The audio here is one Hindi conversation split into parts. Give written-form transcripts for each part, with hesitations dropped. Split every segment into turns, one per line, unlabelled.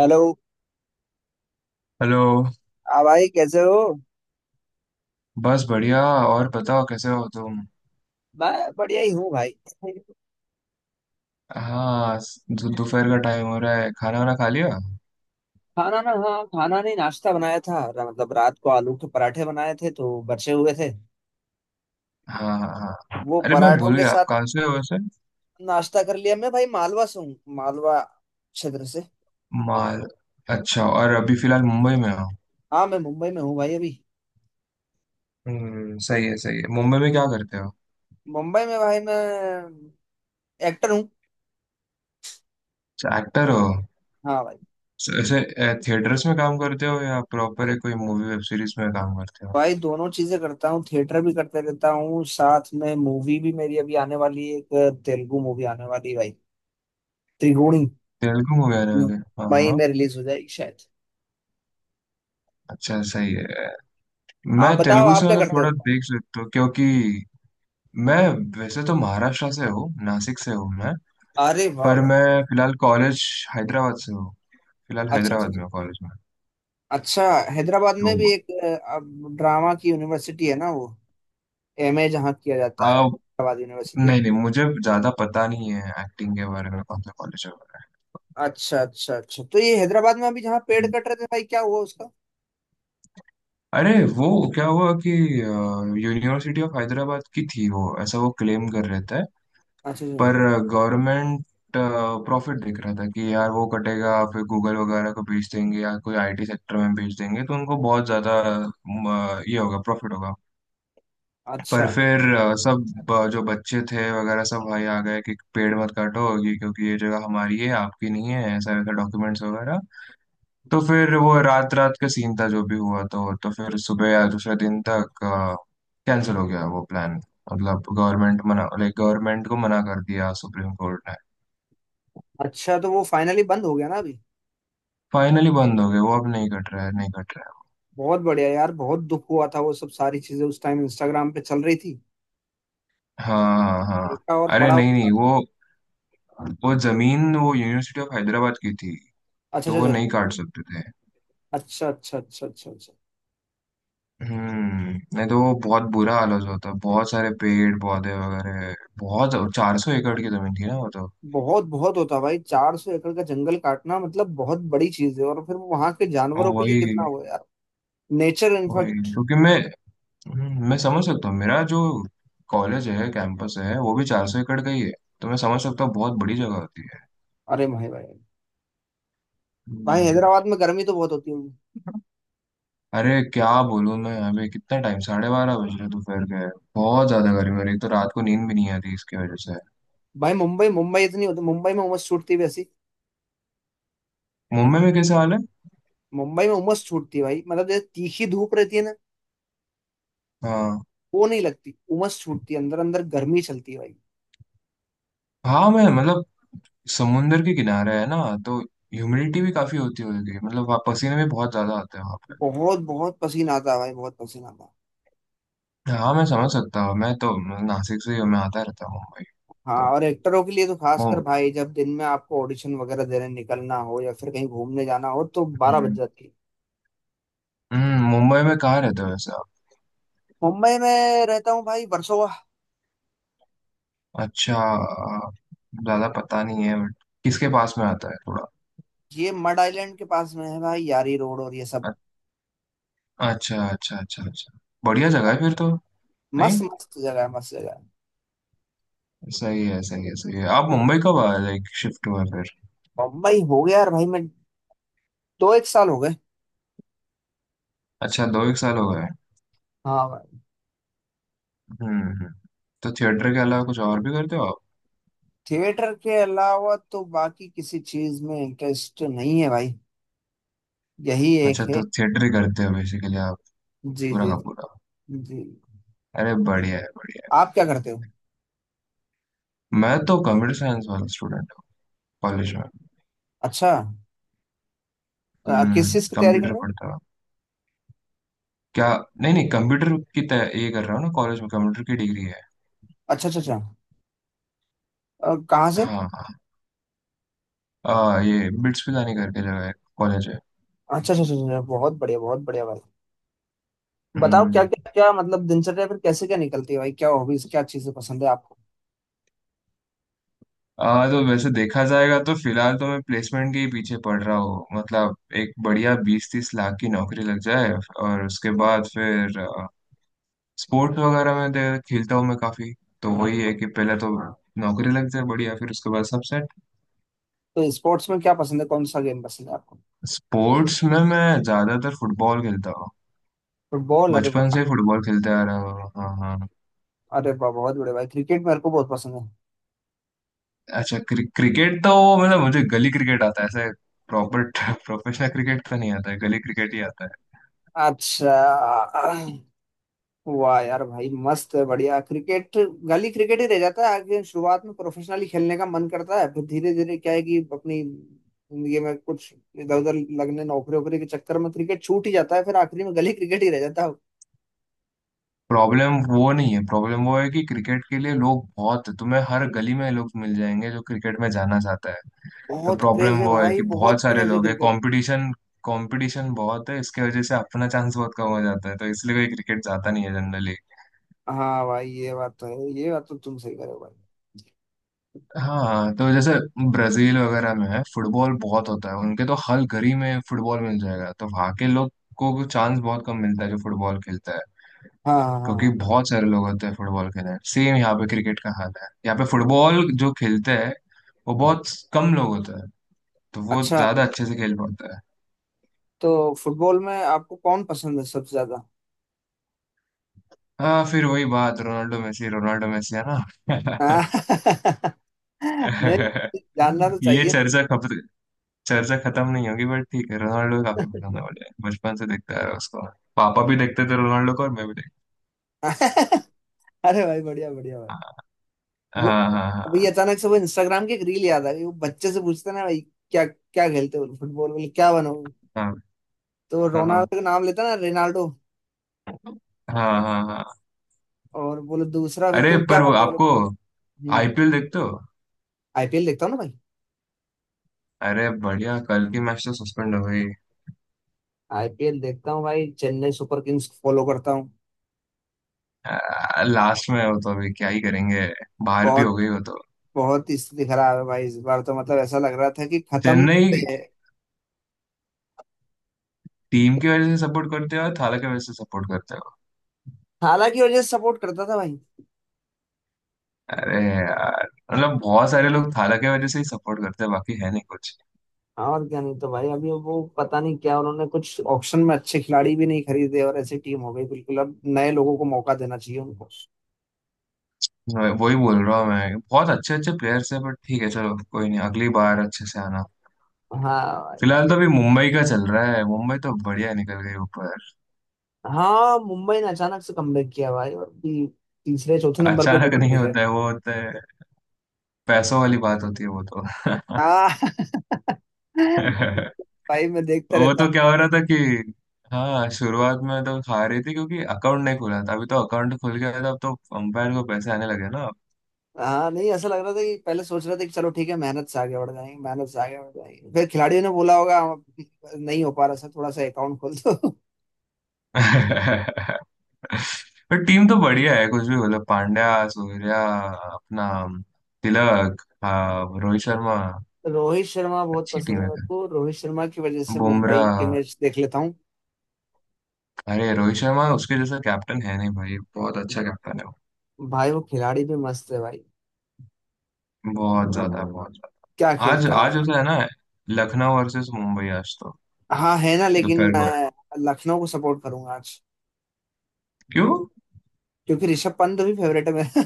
हेलो।
हेलो।
हाँ भाई, कैसे हो।
बस बढ़िया। और बताओ कैसे हो तुम?
मैं बढ़िया ही हूँ भाई।
हाँ, दोपहर का टाइम हो रहा है, खाना वाना खा लिया?
खाना ना, हाँ खाना नहीं, नाश्ता बनाया था, मतलब रात को आलू के पराठे बनाए थे तो बचे हुए थे, तो
हाँ हाँ। हाँ,
वो
अरे मैं
पराठों
भूल
के
गया, आप
साथ
कहाँ से हो वैसे?
नाश्ता कर लिया। मैं भाई मालवा से हूँ, मालवा क्षेत्र से।
माल अच्छा, और अभी फिलहाल मुंबई में हो?
हाँ, मैं मुंबई में हूँ भाई अभी।
हम्म, सही है सही है। मुंबई में क्या करते हो?
मुंबई में भाई मैं एक्टर हूँ।
एक्टर हो?
हाँ भाई।
ऐसे थिएटर्स में काम करते हो या प्रॉपर है, कोई मूवी वेब सीरीज में काम करते हो?
भाई दोनों चीजें करता हूँ, थिएटर भी करते रहता हूँ, साथ में मूवी भी। मेरी अभी आने वाली है, एक तेलुगु मूवी आने वाली है भाई, त्रिगुणी।
तेलुगु मूवी आने वाली है। हाँ
मई
हाँ।
में रिलीज हो जाएगी शायद।
अच्छा, सही है। मैं
आप बताओ,
तेलुगु से
आप क्या
मतलब
करते
थोड़ा
हो।
देख सकता हूँ क्योंकि मैं, वैसे तो महाराष्ट्र से हूँ, नासिक से हूँ मैं।
अरे वाह,
पर
वाह।
मैं फिलहाल कॉलेज हैदराबाद से हूँ, फिलहाल
अच्छा अच्छा
हैदराबाद
अच्छा,
में हूँ कॉलेज में।
अच्छा, हैदराबाद में भी
तो
एक अब ड्रामा की यूनिवर्सिटी है ना वो, एमए जहाँ किया जाता है,
आ,
हैदराबाद यूनिवर्सिटी।
नहीं नहीं, मुझे ज़्यादा पता नहीं है एक्टिंग के बारे में, कौन सा कॉलेज वगैरह।
अच्छा अच्छा अच्छा, तो ये हैदराबाद में अभी जहाँ पेड़ कट
है,
रहे थे भाई, क्या हुआ उसका।
अरे वो क्या हुआ कि यूनिवर्सिटी ऑफ हैदराबाद की थी वो, ऐसा वो क्लेम कर रहे थे।
अच्छा अच्छा
पर गवर्नमेंट प्रॉफिट देख रहा था कि यार वो कटेगा फिर गूगल वगैरह को बेच देंगे या कोई आईटी सेक्टर में बेच देंगे, तो उनको बहुत ज़्यादा ये होगा, प्रॉफिट होगा। पर
अच्छा,
फिर जो बच्चे थे वगैरह सब भाई आ गए कि पेड़ मत काटो ये, क्योंकि ये जगह हमारी है, आपकी नहीं है, ऐसा वैसा डॉक्यूमेंट्स वगैरह। तो फिर वो रात रात का सीन था जो भी हुआ, तो फिर सुबह या दूसरे दिन तक कैंसिल हो गया वो प्लान। मतलब गवर्नमेंट मना, लाइक गवर्नमेंट को मना कर दिया सुप्रीम कोर्ट ने।
अच्छा तो वो फाइनली बंद हो गया ना अभी।
फाइनली बंद हो गए, वो अब नहीं कट रहा है, नहीं कट रहा
बहुत बढ़िया यार, बहुत दुख हुआ था, वो सब सारी चीजें उस टाइम इंस्टाग्राम पे चल रही थी।
है। हाँ हाँ हाँ,
देखा और
अरे
पढ़ा
नहीं
होगा।
नहीं, वो, वो जमीन वो यूनिवर्सिटी ऑफ हैदराबाद की थी,
अच्छा
तो
अच्छा
वो
अच्छा,
नहीं काट सकते थे।
अच्छा अच्छा अच्छा, अच्छा।
हम्म। नहीं तो वो बहुत बुरा हाल हो जाता है, बहुत सारे पेड़ पौधे वगैरह, बहुत 400 एकड़ की जमीन थी ना वो तो।
बहुत बहुत होता भाई, 400 एकड़ का जंगल काटना मतलब बहुत बड़ी चीज है, और फिर वो वहां के जानवरों के लिए
वही,
कितना हुआ यार। नेचर
वही
इनफैक्ट।
क्योंकि मैं, मैं समझ सकता हूँ, मेरा जो कॉलेज है कैंपस है वो भी 400 एकड़ का ही है। तो मैं समझ सकता हूँ, बहुत बड़ी जगह होती है।
अरे भाई भाई। भाई
हम्म,
हैदराबाद में गर्मी तो बहुत होती होगी।
अरे क्या बोलूँ मैं? अभी कितना टाइम, 12:30 बज रहे दोपहर के। बहुत ज्यादा गर्मी हो रही है, तो रात को नींद भी नहीं आती इसकी वजह से।
भाई मुंबई, मुंबई इतनी होती, मुंबई में उमस छूटती है वैसी।
मुंबई में कैसा हाल है?
मुंबई में उमस छूटती है भाई, मतलब जैसे तीखी धूप रहती है ना,
हाँ,
वो नहीं लगती, उमस छूटती है, अंदर अंदर गर्मी चलती है भाई।
हाँ मैं मतलब, समुंदर के किनारे है ना, तो ह्यूमिडिटी भी काफी होती होगी, मतलब वहाँ पसीने भी बहुत ज्यादा आते हैं वहाँ पे।
बहुत बहुत पसीना आता है भाई, बहुत पसीना आता है।
हाँ, मैं समझ सकता हूँ, मैं तो नासिक से ही हूँ, मैं आता रहता हूँ मुंबई।
हाँ,
तो
और एक्टरों के लिए तो
मु-
खासकर भाई, जब दिन में आपको ऑडिशन वगैरह देने निकलना हो या फिर कहीं घूमने जाना हो, तो 12 बज
हम्म,
जाती है।
मुंबई में कहाँ रहते हो वैसे आप?
मुंबई में रहता हूँ भाई, वर्सोवा।
अच्छा, ज्यादा पता नहीं है बट, किसके पास में आता है थोड़ा?
ये मड आइलैंड के पास में है भाई, यारी रोड और ये
अ-
सब।
अच्छा अच्छा अच्छा अच्छा, बढ़िया जगह है फिर तो। नहीं,
मस्त मस्त जगह है, मस्त जगह है।
सही है सही है सही है। आप मुंबई कब आए, लाइक शिफ्ट हुआ फिर?
मुंबई हो गया यार भाई, मैं दो एक साल हो गए।
अच्छा, दो एक साल हो गए।
हाँ भाई।
हम्म हम्म। तो थिएटर के अलावा कुछ और भी करते हो आप?
थिएटर के अलावा तो बाकी किसी चीज में इंटरेस्ट नहीं है भाई, यही एक
अच्छा,
है।
तो थिएटर ही करते हो बेसिकली आप,
जी
पूरा
जी
का पूरा?
जी। जी।
अरे, बढ़िया है बढ़िया।
आप क्या करते हो।
है, मैं तो कंप्यूटर साइंस वाला स्टूडेंट हूँ, कॉलेज में।
अच्छा, किस
हम्म,
चीज की तैयारी कर
कंप्यूटर
रहे हो।
पढ़ता हूँ। क्या? नहीं नहीं, कंप्यूटर की तय ये कर रहा हूँ ना कॉलेज में, कंप्यूटर की डिग्री है।
अच्छा अच्छा अच्छा, कहाँ से।
हाँ हाँ, ये बिट्स पिलानी करके जगह है, कॉलेज है।
अच्छा अच्छा अच्छा अच्छा, बहुत बढ़िया, बहुत बढ़िया भाई। बताओ क्या
हम्म,
क्या क्या मतलब दिनचर्या फिर कैसे क्या निकलती है भाई, क्या हॉबीज, क्या चीजें पसंद है आपको।
तो वैसे देखा जाएगा तो फिलहाल तो मैं प्लेसमेंट के ही पीछे पड़ रहा हूँ, मतलब एक बढ़िया 20-30 लाख की नौकरी लग जाए, और उसके बाद फिर स्पोर्ट्स वगैरह में खेलता हूँ मैं काफी। तो वही है कि पहले तो नौकरी लग जाए बढ़िया, फिर उसके बाद सब सेट।
तो स्पोर्ट्स में क्या पसंद है, कौन सा गेम पसंद है आपको।
स्पोर्ट्स में मैं ज्यादातर फुटबॉल खेलता हूँ।
फुटबॉल, अरे
बचपन
वाह।
से फुटबॉल खेलते आ रहा हूँ, हाँ हाँ।
अरे वाह, बहुत बड़े भाई, क्रिकेट मेरे को बहुत पसंद है।
अच्छा, क्रिकेट तो, मतलब मुझे गली क्रिकेट आता है ऐसे, प्रॉपर प्रोफेशनल क्रिकेट तो नहीं आता है, गली क्रिकेट ही आता है।
अच्छा। वाह यार भाई, मस्त है, बढ़िया क्रिकेट। गली क्रिकेट ही रह जाता है आगे, शुरुआत में प्रोफेशनली खेलने का मन करता है, फिर धीरे धीरे क्या है कि अपनी जिंदगी में कुछ इधर उधर लगने, नौकरी वोकरी के चक्कर में क्रिकेट छूट ही जाता है, फिर आखिरी में गली क्रिकेट ही रह जाता है।
प्रॉब्लम वो नहीं है, प्रॉब्लम वो है कि क्रिकेट के लिए लोग बहुत, तुम्हें हर गली में लोग मिल जाएंगे जो क्रिकेट में जाना चाहता है। तो
बहुत
प्रॉब्लम
क्रेज है
वो है
भाई,
कि
बहुत
बहुत सारे
क्रेज है
लोग हैं,
क्रिकेट।
कंपटीशन, कंपटीशन बहुत है, इसके वजह से अपना चांस बहुत कम हो जाता है, तो इसलिए कोई क्रिकेट जाता नहीं है जनरली।
हाँ भाई, ये बात तो है, ये बात तो तुम सही कह रहे हो भाई।
हाँ, तो जैसे ब्राजील वगैरह में है, फुटबॉल बहुत होता है उनके, तो हर गली में फुटबॉल मिल जाएगा, तो वहाँ के लोग को चांस बहुत कम मिलता है जो फुटबॉल खेलता है।
हाँ हाँ हाँ
क्योंकि
हाँ।
बहुत सारे लोग होते हैं फुटबॉल के अंदर। सेम यहाँ पे क्रिकेट का हाल है, यहाँ पे फुटबॉल जो खेलते हैं वो बहुत कम लोग होते हैं, तो वो
अच्छा,
ज्यादा अच्छे से खेल पाते हैं।
तो फुटबॉल में आपको कौन पसंद है सबसे ज्यादा।
हाँ फिर वही बात, रोनाल्डो मेसी, रोनाल्डो मेसी है ना?
हाँ, नहीं, जानना तो
ये
चाहिए।
चर्चा खत्म नहीं होगी बट, ठीक है, रोनाल्डो काफी पसंद है मुझे, बचपन से देखता है उसको। पापा भी देखते थे रोनाल्डो को, और मैं भी देखता।
अरे भाई, बढ़िया बढ़िया भाई। वो
हाँ हाँ
अभी अचानक से वो इंस्टाग्राम की एक रील याद आ गई, वो बच्चे से पूछते ना भाई, क्या क्या खेलते हो, फुटबॉल, बोले क्या बनोगे,
हाँ
तो
हाँ। हाँ हाँ
रोनाल्डो का नाम लेता ना, रेनाल्डो।
हाँ। हाँ हाँ। हाँ।
और बोले दूसरा फिर
अरे
तुम क्या
पर वो
बनोगे बोले,
आपको,
हम्म।
आईपीएल देखते हो?
आईपीएल देखता हूँ ना भाई।
अरे बढ़िया, कल की मैच तो सस्पेंड हो गई।
आईपीएल देखता हूँ भाई, चेन्नई सुपर किंग्स फॉलो करता हूँ।
लास्ट में हो तो अभी क्या ही करेंगे, बाहर भी हो
बहुत
गई हो तो।
बहुत ही स्थिति खराब है भाई इस बार तो, मतलब ऐसा लग रहा था कि खत्म
चेन्नई,
पे है।
टीम की वजह से सपोर्ट करते हो या थाला की वजह से सपोर्ट करते हो?
हालांकि वजह सपोर्ट करता था भाई।
अरे यार, मतलब बहुत सारे लोग थाला की वजह से ही सपोर्ट करते हैं, बाकी है नहीं कुछ।
हाँ, और क्या, नहीं तो भाई अभी वो पता नहीं क्या, उन्होंने कुछ ऑक्शन में अच्छे खिलाड़ी भी नहीं खरीदे, और ऐसी टीम हो गई बिल्कुल, अब नए लोगों को मौका देना चाहिए उनको।
मैं वही बोल रहा हूँ, मैं, बहुत अच्छे अच्छे प्लेयर्स है बट ठीक है चलो, कोई नहीं, अगली बार अच्छे से आना।
हाँ भाई।
फिलहाल तो अभी मुंबई का चल रहा है, मुंबई तो बढ़िया निकल गई ऊपर।
हाँ, मुंबई ने अचानक से कमबैक किया भाई, और भी तीसरे चौथे नंबर पर
अचानक
जीत
नहीं
गई शायद।
होता है वो, होता है, पैसों वाली बात होती है वो तो।
हाँ। भाई मैं देखता
वो
रहता
तो
हूँ।
क्या हो रहा था कि, हाँ, शुरुआत में तो खा रही थी क्योंकि अकाउंट नहीं खुला था, अभी तो अकाउंट खुल गया था, अब तो अंपायर को पैसे आने लगे ना।
हाँ, नहीं ऐसा लग रहा था कि पहले सोच रहे थे कि चलो ठीक है, मेहनत से आगे बढ़ जाएंगे, मेहनत से आगे बढ़ जाएंगे, फिर खिलाड़ियों ने बोला होगा, नहीं हो पा रहा सर, थोड़ा सा अकाउंट खोल दो"।
पर टीम तो बढ़िया है, कुछ भी बोलो, पांड्या, सूर्या, अपना तिलक, हाँ, रोहित शर्मा।
तो रोहित शर्मा बहुत
अच्छी
पसंद है
टीम है
मेरे
क्या,
को, रोहित शर्मा की वजह से मुंबई
बुमराह।
के मैच देख लेता हूँ।
अरे रोहित शर्मा, उसके जैसा कैप्टन है नहीं भाई, बहुत अच्छा कैप्टन है वो।
भाई वो खिलाड़ी भी मस्त है भाई,
बहुत ज्यादा, बहुत
क्या
ज्यादा। आज,
खेलता है।
आज ऐसा है ना, लखनऊ वर्सेस मुंबई आज तो,
हाँ है ना, लेकिन
दोपहर को
मैं
है।
लखनऊ को सपोर्ट करूंगा आज।
क्यों?
क्योंकि ऋषभ पंत भी फेवरेट है मेरा।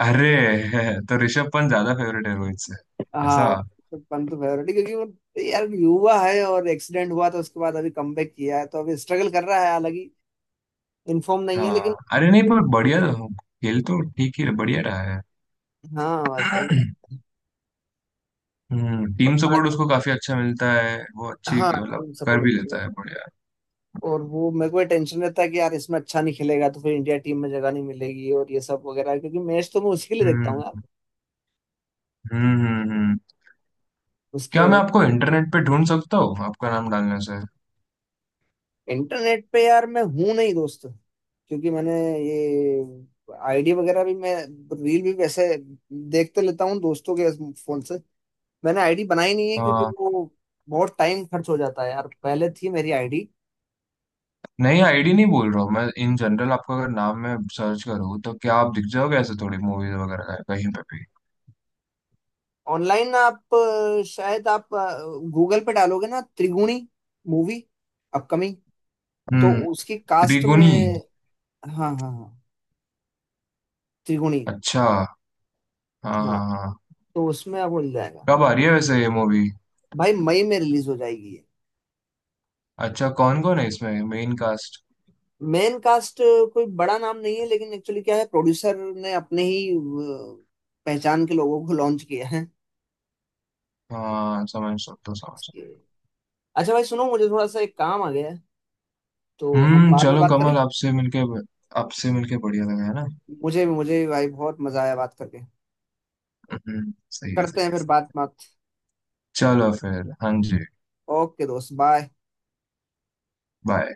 अरे, तो ऋषभ पंत ज्यादा फेवरेट है रोहित से? ऐसा?
हाँ, ऋषभ पंत फेवरेट है क्योंकि वो यार युवा है, और एक्सीडेंट हुआ तो उसके बाद अभी कमबैक किया है, तो अभी स्ट्रगल कर रहा है, हालांकि इन्फॉर्म नहीं है लेकिन।
हाँ, अरे नहीं पर, खेल तो ठीक ही बढ़िया रहा है।
हाँ बस भाई।
हम्म, टीम सपोर्ट
बाकी-
उसको काफी अच्छा मिलता है, वो अच्छी
हाँ,
मतलब
टीम
कर
सपोर्ट।
भी लेता है बढ़िया।
और वो मेरे को टेंशन रहता है कि यार इसमें अच्छा नहीं खेलेगा तो फिर इंडिया टीम में जगह नहीं मिलेगी और ये सब वगैरह, क्योंकि मैच तो मैं उसके लिए देखता हूँ
हम्म
यार,
हम्म हम्म हम्म।
उसकी
क्या मैं
वजह।
आपको इंटरनेट पे ढूंढ सकता हूँ आपका नाम डालने से?
इंटरनेट पे यार मैं हूँ नहीं दोस्त, क्योंकि मैंने ये आईडी वगैरह भी, मैं रील भी वैसे देखते लेता हूँ दोस्तों के फोन से, मैंने आईडी बनाई नहीं है क्योंकि
हाँ,
वो बहुत टाइम खर्च हो जाता है यार, पहले थी मेरी आईडी।
नहीं आईडी नहीं बोल रहा हूँ, मैं इन जनरल आपका अगर नाम में सर्च करूँ तो क्या आप दिख जाओगे, ऐसे थोड़ी मूवीज वगैरह कहीं पे भी?
ऑनलाइन आप शायद आप गूगल पे डालोगे ना, त्रिगुणी मूवी अपकमिंग, तो
हम्म,
उसकी कास्ट में।
त्रिगुणी,
हाँ हाँ हाँ, त्रिगुणी।
अच्छा, हाँ
हाँ,
हाँ हाँ।
तो उसमें अब मिल जाएगा।
कब आ रही है वैसे ये मूवी?
भाई मई में रिलीज हो जाएगी ये।
अच्छा, कौन कौन है इसमें मेन कास्ट?
मेन कास्ट कोई बड़ा नाम नहीं है, लेकिन एक्चुअली क्या है, प्रोड्यूसर ने अपने ही पहचान के लोगों को लॉन्च किया है।
हाँ समझ सकता हूँ, समझ सकता
अच्छा भाई सुनो, मुझे थोड़ा सा एक काम आ गया है,
हूँ।
तो हम
हम्म,
बाद में
चलो,
बात करें।
कमल आपसे मिलके, आपसे मिलके बढ़िया लगा है ना।
मुझे मुझे भी भाई बहुत मजा आया बात करके।
हम्म, सही है
करते
सही
हैं
है।
फिर बात बात।
चलो फिर, हाँ जी,
ओके दोस्त, बाय।
बाय।